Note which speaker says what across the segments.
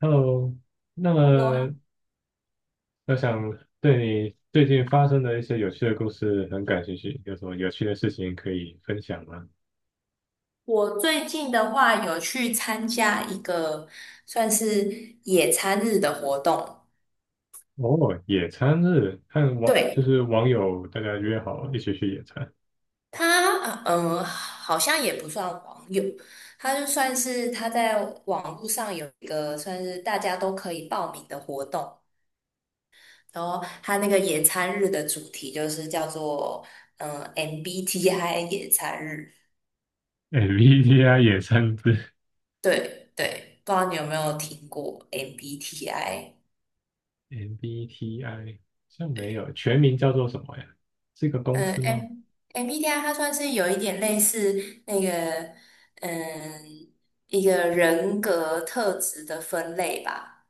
Speaker 1: Hello，那
Speaker 2: Hello 啊，
Speaker 1: 么我想对你最近发生的一些有趣的故事很感兴趣，有什么有趣的事情可以分享吗？
Speaker 2: 我最近的话有去参加一个算是野餐日的活动。
Speaker 1: 哦，野餐日，和网
Speaker 2: 对，
Speaker 1: 网友大家约好一起去野餐
Speaker 2: 他，好像也不算网友，他就算是他在网络上有一个算是大家都可以报名的活动。然后他那个野餐日的主题就是叫做MBTI 野餐日。
Speaker 1: ，MBTI 野餐日
Speaker 2: 对对，不知道你有没有听过 MBTI？
Speaker 1: ，MBTI 好像没
Speaker 2: 对。
Speaker 1: 有，全名叫做什么呀？是一个公
Speaker 2: 嗯
Speaker 1: 司
Speaker 2: ，M
Speaker 1: 吗？
Speaker 2: MBTI 它算是有一点类似那个，嗯，一个人格特质的分类吧。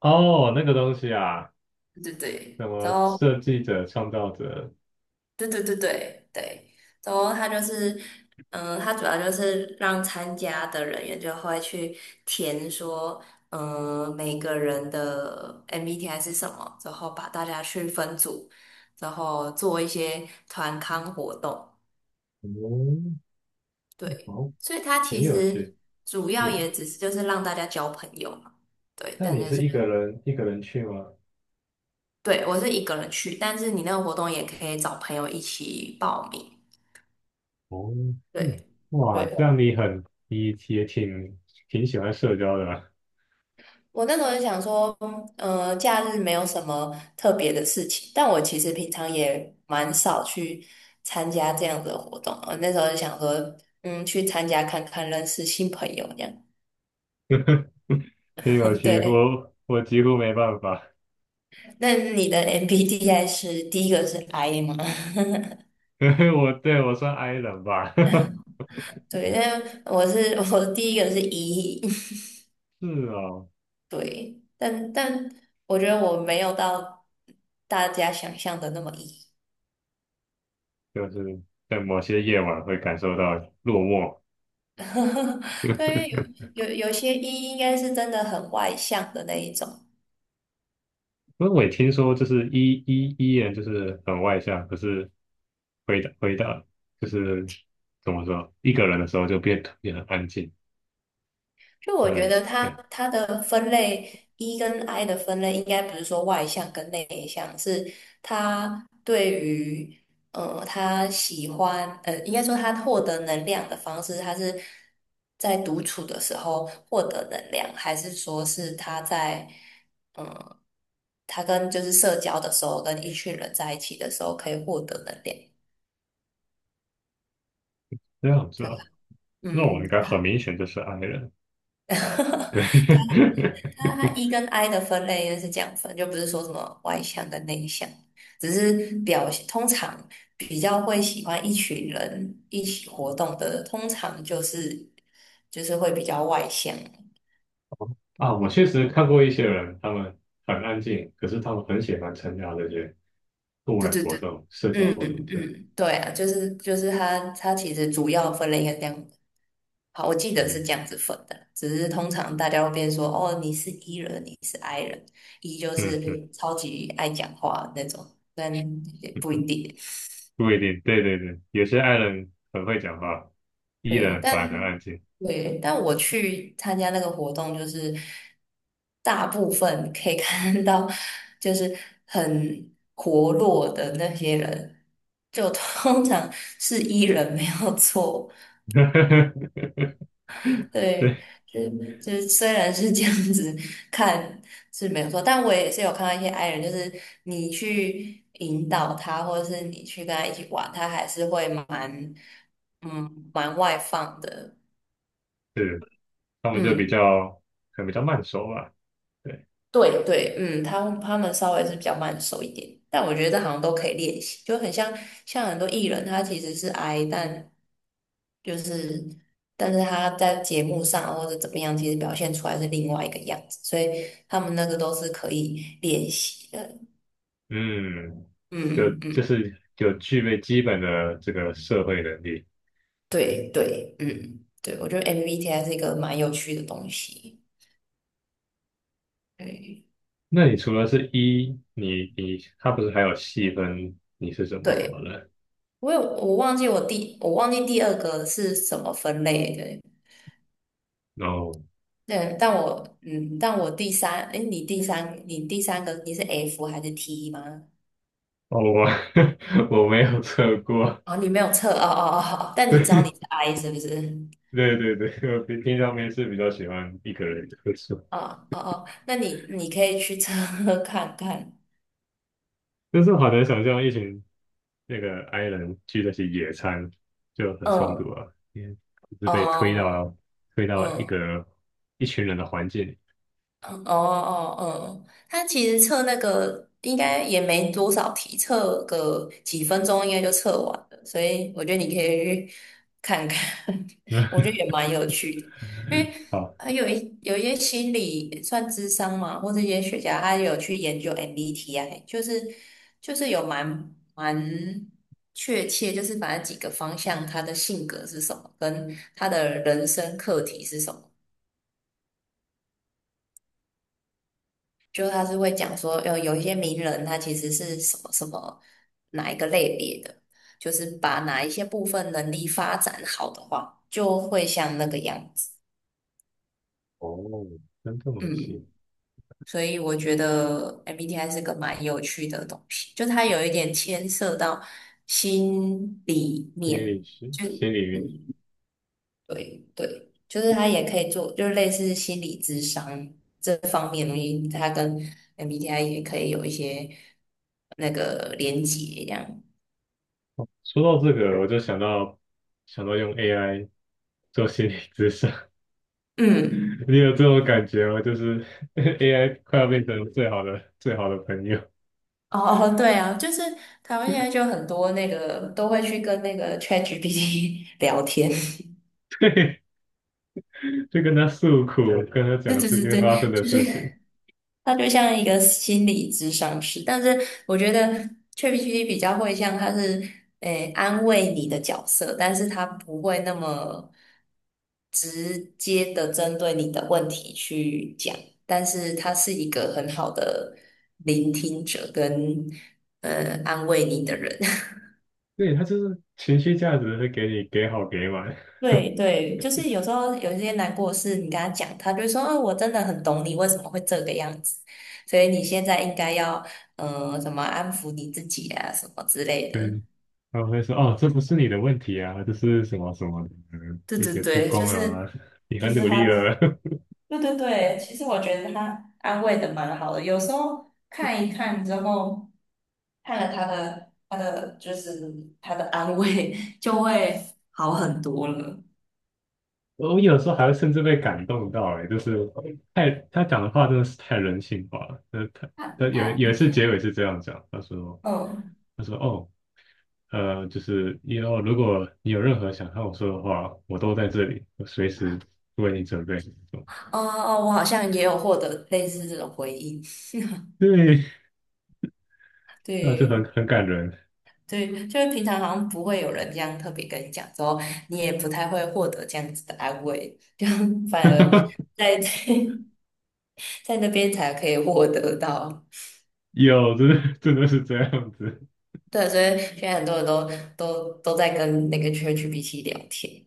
Speaker 1: 哦，那个东西啊，
Speaker 2: 对
Speaker 1: 什
Speaker 2: 对，然
Speaker 1: 么
Speaker 2: 后
Speaker 1: 设计者、创造者，
Speaker 2: 对对对对对，然后它就是，它主要就是让参加的人员就会去填说，每个人的 MBTI 是什么，然后把大家去分组，然后做一些团康活动。
Speaker 1: 哦，
Speaker 2: 对，
Speaker 1: 好，
Speaker 2: 所以它
Speaker 1: 也
Speaker 2: 其
Speaker 1: 有趣。
Speaker 2: 实主要
Speaker 1: 你，
Speaker 2: 也只是就是让大家交朋友嘛。对，
Speaker 1: 那
Speaker 2: 但
Speaker 1: 你
Speaker 2: 就
Speaker 1: 是
Speaker 2: 是，
Speaker 1: 一个人一个人去吗？
Speaker 2: 对，我是一个人去，但是你那个活动也可以找朋友一起报名。
Speaker 1: 哦，
Speaker 2: 对，
Speaker 1: 嗯，哇，这
Speaker 2: 对，
Speaker 1: 样你很，你也挺挺喜欢社交的嘛，
Speaker 2: 我那时候就想说，假日没有什么特别的事情，但我其实平常也蛮少去参加这样子的活动。我那时候就想说，去参加看看，认识新朋友这样。
Speaker 1: 挺有 趣，
Speaker 2: 对，
Speaker 1: 我几乎没办法，
Speaker 2: 那你的 MBTI 是第一个是 I 吗？
Speaker 1: 因为我算 I 人吧，
Speaker 2: 对，但我是 我的第一个是 E。
Speaker 1: 是哦，
Speaker 2: 对，但我觉得我没有到大家想象的那么 E。
Speaker 1: 就是在某些夜晚会感受到落寞，
Speaker 2: 对，因为有些 E 应该是真的很外向的那一种。
Speaker 1: 因为我也听说就是 E 人就是很外向，可是回到就是怎么说，一个人的时候就变得特别很安静，
Speaker 2: 就我
Speaker 1: 很
Speaker 2: 觉
Speaker 1: 冷
Speaker 2: 得
Speaker 1: 静，
Speaker 2: 他
Speaker 1: 对，
Speaker 2: 他的分类 E 跟 I 的分类，应该不是说外向跟内向，是他对于他喜欢，应该说他获得能量的方式，他是在独处的时候获得能量，还是说是他在嗯、呃他跟就是社交的时候，跟一群人在一起的时候可以获得能量？
Speaker 1: 这样子
Speaker 2: 对啊，
Speaker 1: 哦，那我应
Speaker 2: 嗯。
Speaker 1: 该很明显就是 I 人。对。
Speaker 2: 它 E 跟 I 的分类就是这样分，就不是说什么外向跟内向，只是表现通常比较会喜欢一群人一起活动的，通常就是会比较外向。
Speaker 1: 啊，我确实看过一些人，他们很安静，可是他们很喜欢参加这些户
Speaker 2: 对
Speaker 1: 外
Speaker 2: 对
Speaker 1: 活
Speaker 2: 对，
Speaker 1: 动、社交
Speaker 2: 嗯
Speaker 1: 活动
Speaker 2: 嗯，
Speaker 1: 这样。
Speaker 2: 嗯，对啊，就是它其实主要分类应该这样。好，我记得是
Speaker 1: 嗯
Speaker 2: 这样子分的，只是通常大家会变说哦，你是 E 人，你是 I 人，E 就
Speaker 1: 嗯嗯，
Speaker 2: 是超级爱讲话那种，但也不一定。
Speaker 1: 不一定，对对对，有些爱人很会讲话依
Speaker 2: 对，
Speaker 1: 然反而很
Speaker 2: 但
Speaker 1: 安静。
Speaker 2: 对，但我去参加那个活动，就是大部分可以 看到，就是很活络的那些人，就通常是 E 人没有错。对，
Speaker 1: 对，
Speaker 2: 就就是虽然是这样子看是没有错，但我也是有看到一些 I 人，就是你去引导他，或者是你去跟他一起玩，他还是会蛮外放的。
Speaker 1: 是，他们就比
Speaker 2: 嗯。
Speaker 1: 较可能比较慢熟吧。对，
Speaker 2: 对对，嗯，他们稍微是比较慢熟一点，但我觉得这好像都可以练习，就很像很多艺人，他其实是 I，就是但是他在节目上啊或者怎么样，其实表现出来是另外一个样子，所以他们那个都是可以练习的。
Speaker 1: 嗯，就
Speaker 2: 嗯
Speaker 1: 就
Speaker 2: 嗯，
Speaker 1: 是就具备基本的这个社会能力。
Speaker 2: 对对，嗯对，我觉得 MBTI 是一个蛮有趣的东西。对
Speaker 1: 那你除了是一，你你他不是还有细分你是什么什
Speaker 2: 对，
Speaker 1: 么人，
Speaker 2: 我忘记第二个是什么分类的。
Speaker 1: 然后
Speaker 2: 对，但我嗯，但我第三，哎，你第三，你第三个你是 F 还是 T 吗？
Speaker 1: 哦，我 我没有测过，
Speaker 2: 哦，你没有测，哦哦哦，哦 但你知道你是
Speaker 1: 对
Speaker 2: I 是不是？
Speaker 1: 对对对，我平平常没事比较喜欢一个人喝酒，
Speaker 2: 哦哦哦，那你可以去测 看看。
Speaker 1: 但是我好难想象一群那个 I 人去那些野餐就很冲突
Speaker 2: 嗯，
Speaker 1: 啊，因为就是被
Speaker 2: 哦，
Speaker 1: 推到一
Speaker 2: 嗯。
Speaker 1: 个一群人的环境里。
Speaker 2: 哦哦哦，他其实测那个应该也没多少题，测个几分钟应该就测完了，所以我觉得你可以去看看。我觉得也 蛮有趣的，因为
Speaker 1: 好，
Speaker 2: 还有一些心理算智商嘛，或者一些学家他有去研究 MBTI，就是有蛮确切，就是把那几个方向他的性格是什么，跟他的人生课题是什么。就他是会讲说，有一些名人他其实是什么什么哪一个类别的，就是把哪一些部分能力发展好的话，就会像那个样子。
Speaker 1: 哦，真这么细，
Speaker 2: 嗯，所以我觉得 MBTI 是个蛮有趣的东西，就它有一点牵涉到心里
Speaker 1: 心
Speaker 2: 面，
Speaker 1: 理学
Speaker 2: 就。
Speaker 1: 心理。
Speaker 2: 嗯。对对，就是他也可以做，就是类似心理智商这方面的东西，他跟 MBTI 也可以有一些那个连接这样。
Speaker 1: 说到这个，我就想到用 AI 做心理咨商，
Speaker 2: 嗯，
Speaker 1: 你有这种感觉吗？就是 AI 快要变成最好的朋友，
Speaker 2: 哦，哦对啊，就是台湾现在就很多那个都会去跟那个 ChatGPT 聊天。
Speaker 1: 就跟他诉苦，跟他
Speaker 2: 对
Speaker 1: 讲
Speaker 2: 对
Speaker 1: 最
Speaker 2: 对
Speaker 1: 近发生
Speaker 2: 对，
Speaker 1: 的
Speaker 2: 就
Speaker 1: 事情。
Speaker 2: 是他就像一个心理咨商师，但是我觉得 ChatGPT 比较会像他是安慰你的角色，但是他不会那么直接的针对你的问题去讲，但是他是一个很好的聆听者跟安慰你的人。
Speaker 1: 对，他就是情绪价值会给你给好给满，
Speaker 2: 对对，就是有时候有一些难过的事，你跟他讲，他就会说：“哦，我真的很懂你，为什么会这个样子？所以你现在应该要，怎么安抚你自己啊，什么之类 的。”
Speaker 1: 嗯，他会说哦，这不是你的问题啊，这是什么什么的，嗯
Speaker 2: 对
Speaker 1: 一
Speaker 2: 对
Speaker 1: 些不
Speaker 2: 对，就
Speaker 1: 公
Speaker 2: 是
Speaker 1: 啊，你
Speaker 2: 就
Speaker 1: 很
Speaker 2: 是
Speaker 1: 努力
Speaker 2: 他，
Speaker 1: 了，
Speaker 2: 对对对，其实我觉得他安慰的蛮好的。有时候看一看之后，看了他的安慰，就会好很多了。
Speaker 1: 我有时候还会甚至被感动到、哎，就是他讲的话真的是太人性化了。那他
Speaker 2: 他
Speaker 1: 他有
Speaker 2: 他
Speaker 1: 有一次结尾是这样讲，他说
Speaker 2: 嗯。
Speaker 1: 他说哦就是以后如果你有任何想和我说的话，我都在这里，我随时为你准备。
Speaker 2: 哦哦，我好像也有获得类似这种回应。
Speaker 1: 对，那就
Speaker 2: 对
Speaker 1: 很很感人。
Speaker 2: 对，就是平常好像不会有人这样特别跟你讲，之后你也不太会获得这样子的安慰，就 反而 在 在那边才可以获得到。
Speaker 1: 有，真的真的是这样子。
Speaker 2: 对，所以现在很多人都在跟那个 ChatGPT 聊天。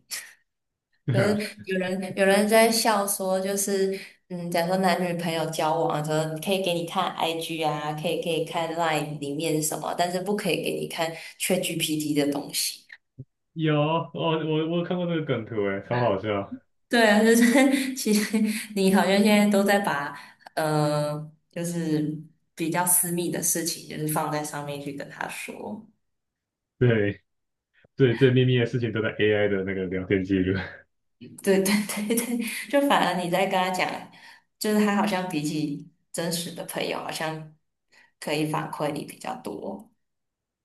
Speaker 1: 对
Speaker 2: 就
Speaker 1: 啊，
Speaker 2: 是有人在笑说，就是假如说男女朋友交往的时候，可以给你看 IG 啊，可以看 Line 里面什么，但是不可以给你看 ChatGPT 的东西。
Speaker 1: 有，哦，我有看过那个梗图，哎，超好笑。
Speaker 2: 对啊，就是 其实你好像现在都在把就是比较私密的事情，就是放在上面去跟他说。
Speaker 1: 对对，最秘密的事情都在 AI 的那个聊天记录。
Speaker 2: 对对对对，就反而你在跟他讲，就是他好像比起真实的朋友，好像可以反馈你比较多。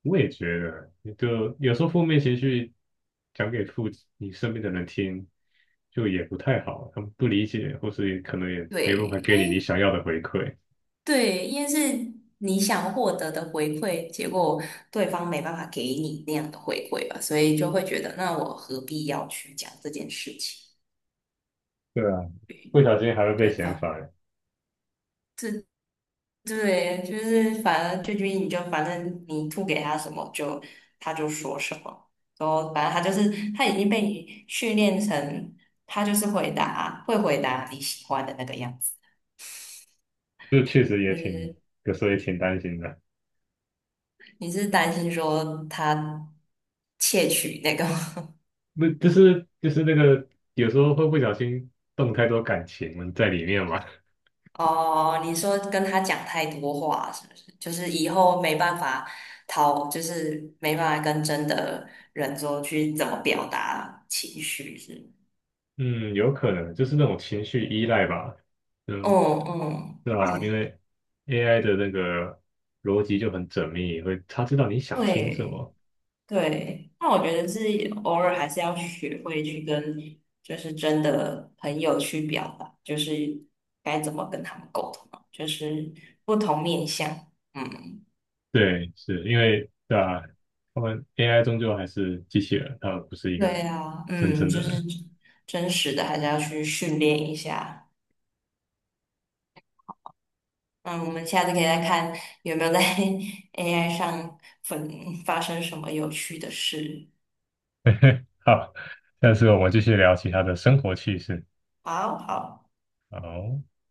Speaker 1: 我也觉得，就有时候负面情绪讲给你身边的人听，就也不太好，他们不理解，或是也可能也
Speaker 2: 对，
Speaker 1: 没办法给你你想要的回馈。
Speaker 2: 因为是你想获得的回馈，结果对方没办法给你那样的回馈吧，所以就会觉得，那我何必要去讲这件事情？
Speaker 1: 对啊，不小心还会被
Speaker 2: 对
Speaker 1: 嫌
Speaker 2: 吧？
Speaker 1: 烦，
Speaker 2: 这对，就是反正俊君你就反正你吐给他什么就他就说什么，然后反正他就是他已经被你训练成他就是会回答你喜欢的那个样子。
Speaker 1: 这确实也
Speaker 2: 就
Speaker 1: 挺，
Speaker 2: 是
Speaker 1: 有时候也挺担心的。
Speaker 2: 你是担心说他窃取那个吗？
Speaker 1: 那就是就是那个，有时候会不小心动太多感情在里面嘛。
Speaker 2: 哦，你说跟他讲太多话是不是？就是以后没办法讨，就是没办法跟真的人说去怎么表达情绪是吗？
Speaker 1: 嗯，有可能就是那种情绪依赖吧。嗯，
Speaker 2: 嗯嗯
Speaker 1: 对啊，因
Speaker 2: 嗯，
Speaker 1: 为 AI 的那个逻辑就很缜密，会他知道你想听什
Speaker 2: 对
Speaker 1: 么。
Speaker 2: 对。那我觉得是偶尔还是要学会去跟就是真的朋友去表达，就是该怎么跟他们沟通啊，就是不同面向。嗯，
Speaker 1: 对，是因为对啊，他们 AI 终究还是机器人，他们不是一
Speaker 2: 对
Speaker 1: 个
Speaker 2: 啊，
Speaker 1: 真
Speaker 2: 嗯，
Speaker 1: 正
Speaker 2: 就
Speaker 1: 的
Speaker 2: 是
Speaker 1: 人。
Speaker 2: 真实的还是要去训练一下。嗯，我们下次可以再看有没有在 AI 上分发生什么有趣的事。
Speaker 1: 好，下次我们继续聊其他的生活趣事。
Speaker 2: 好好。
Speaker 1: 好。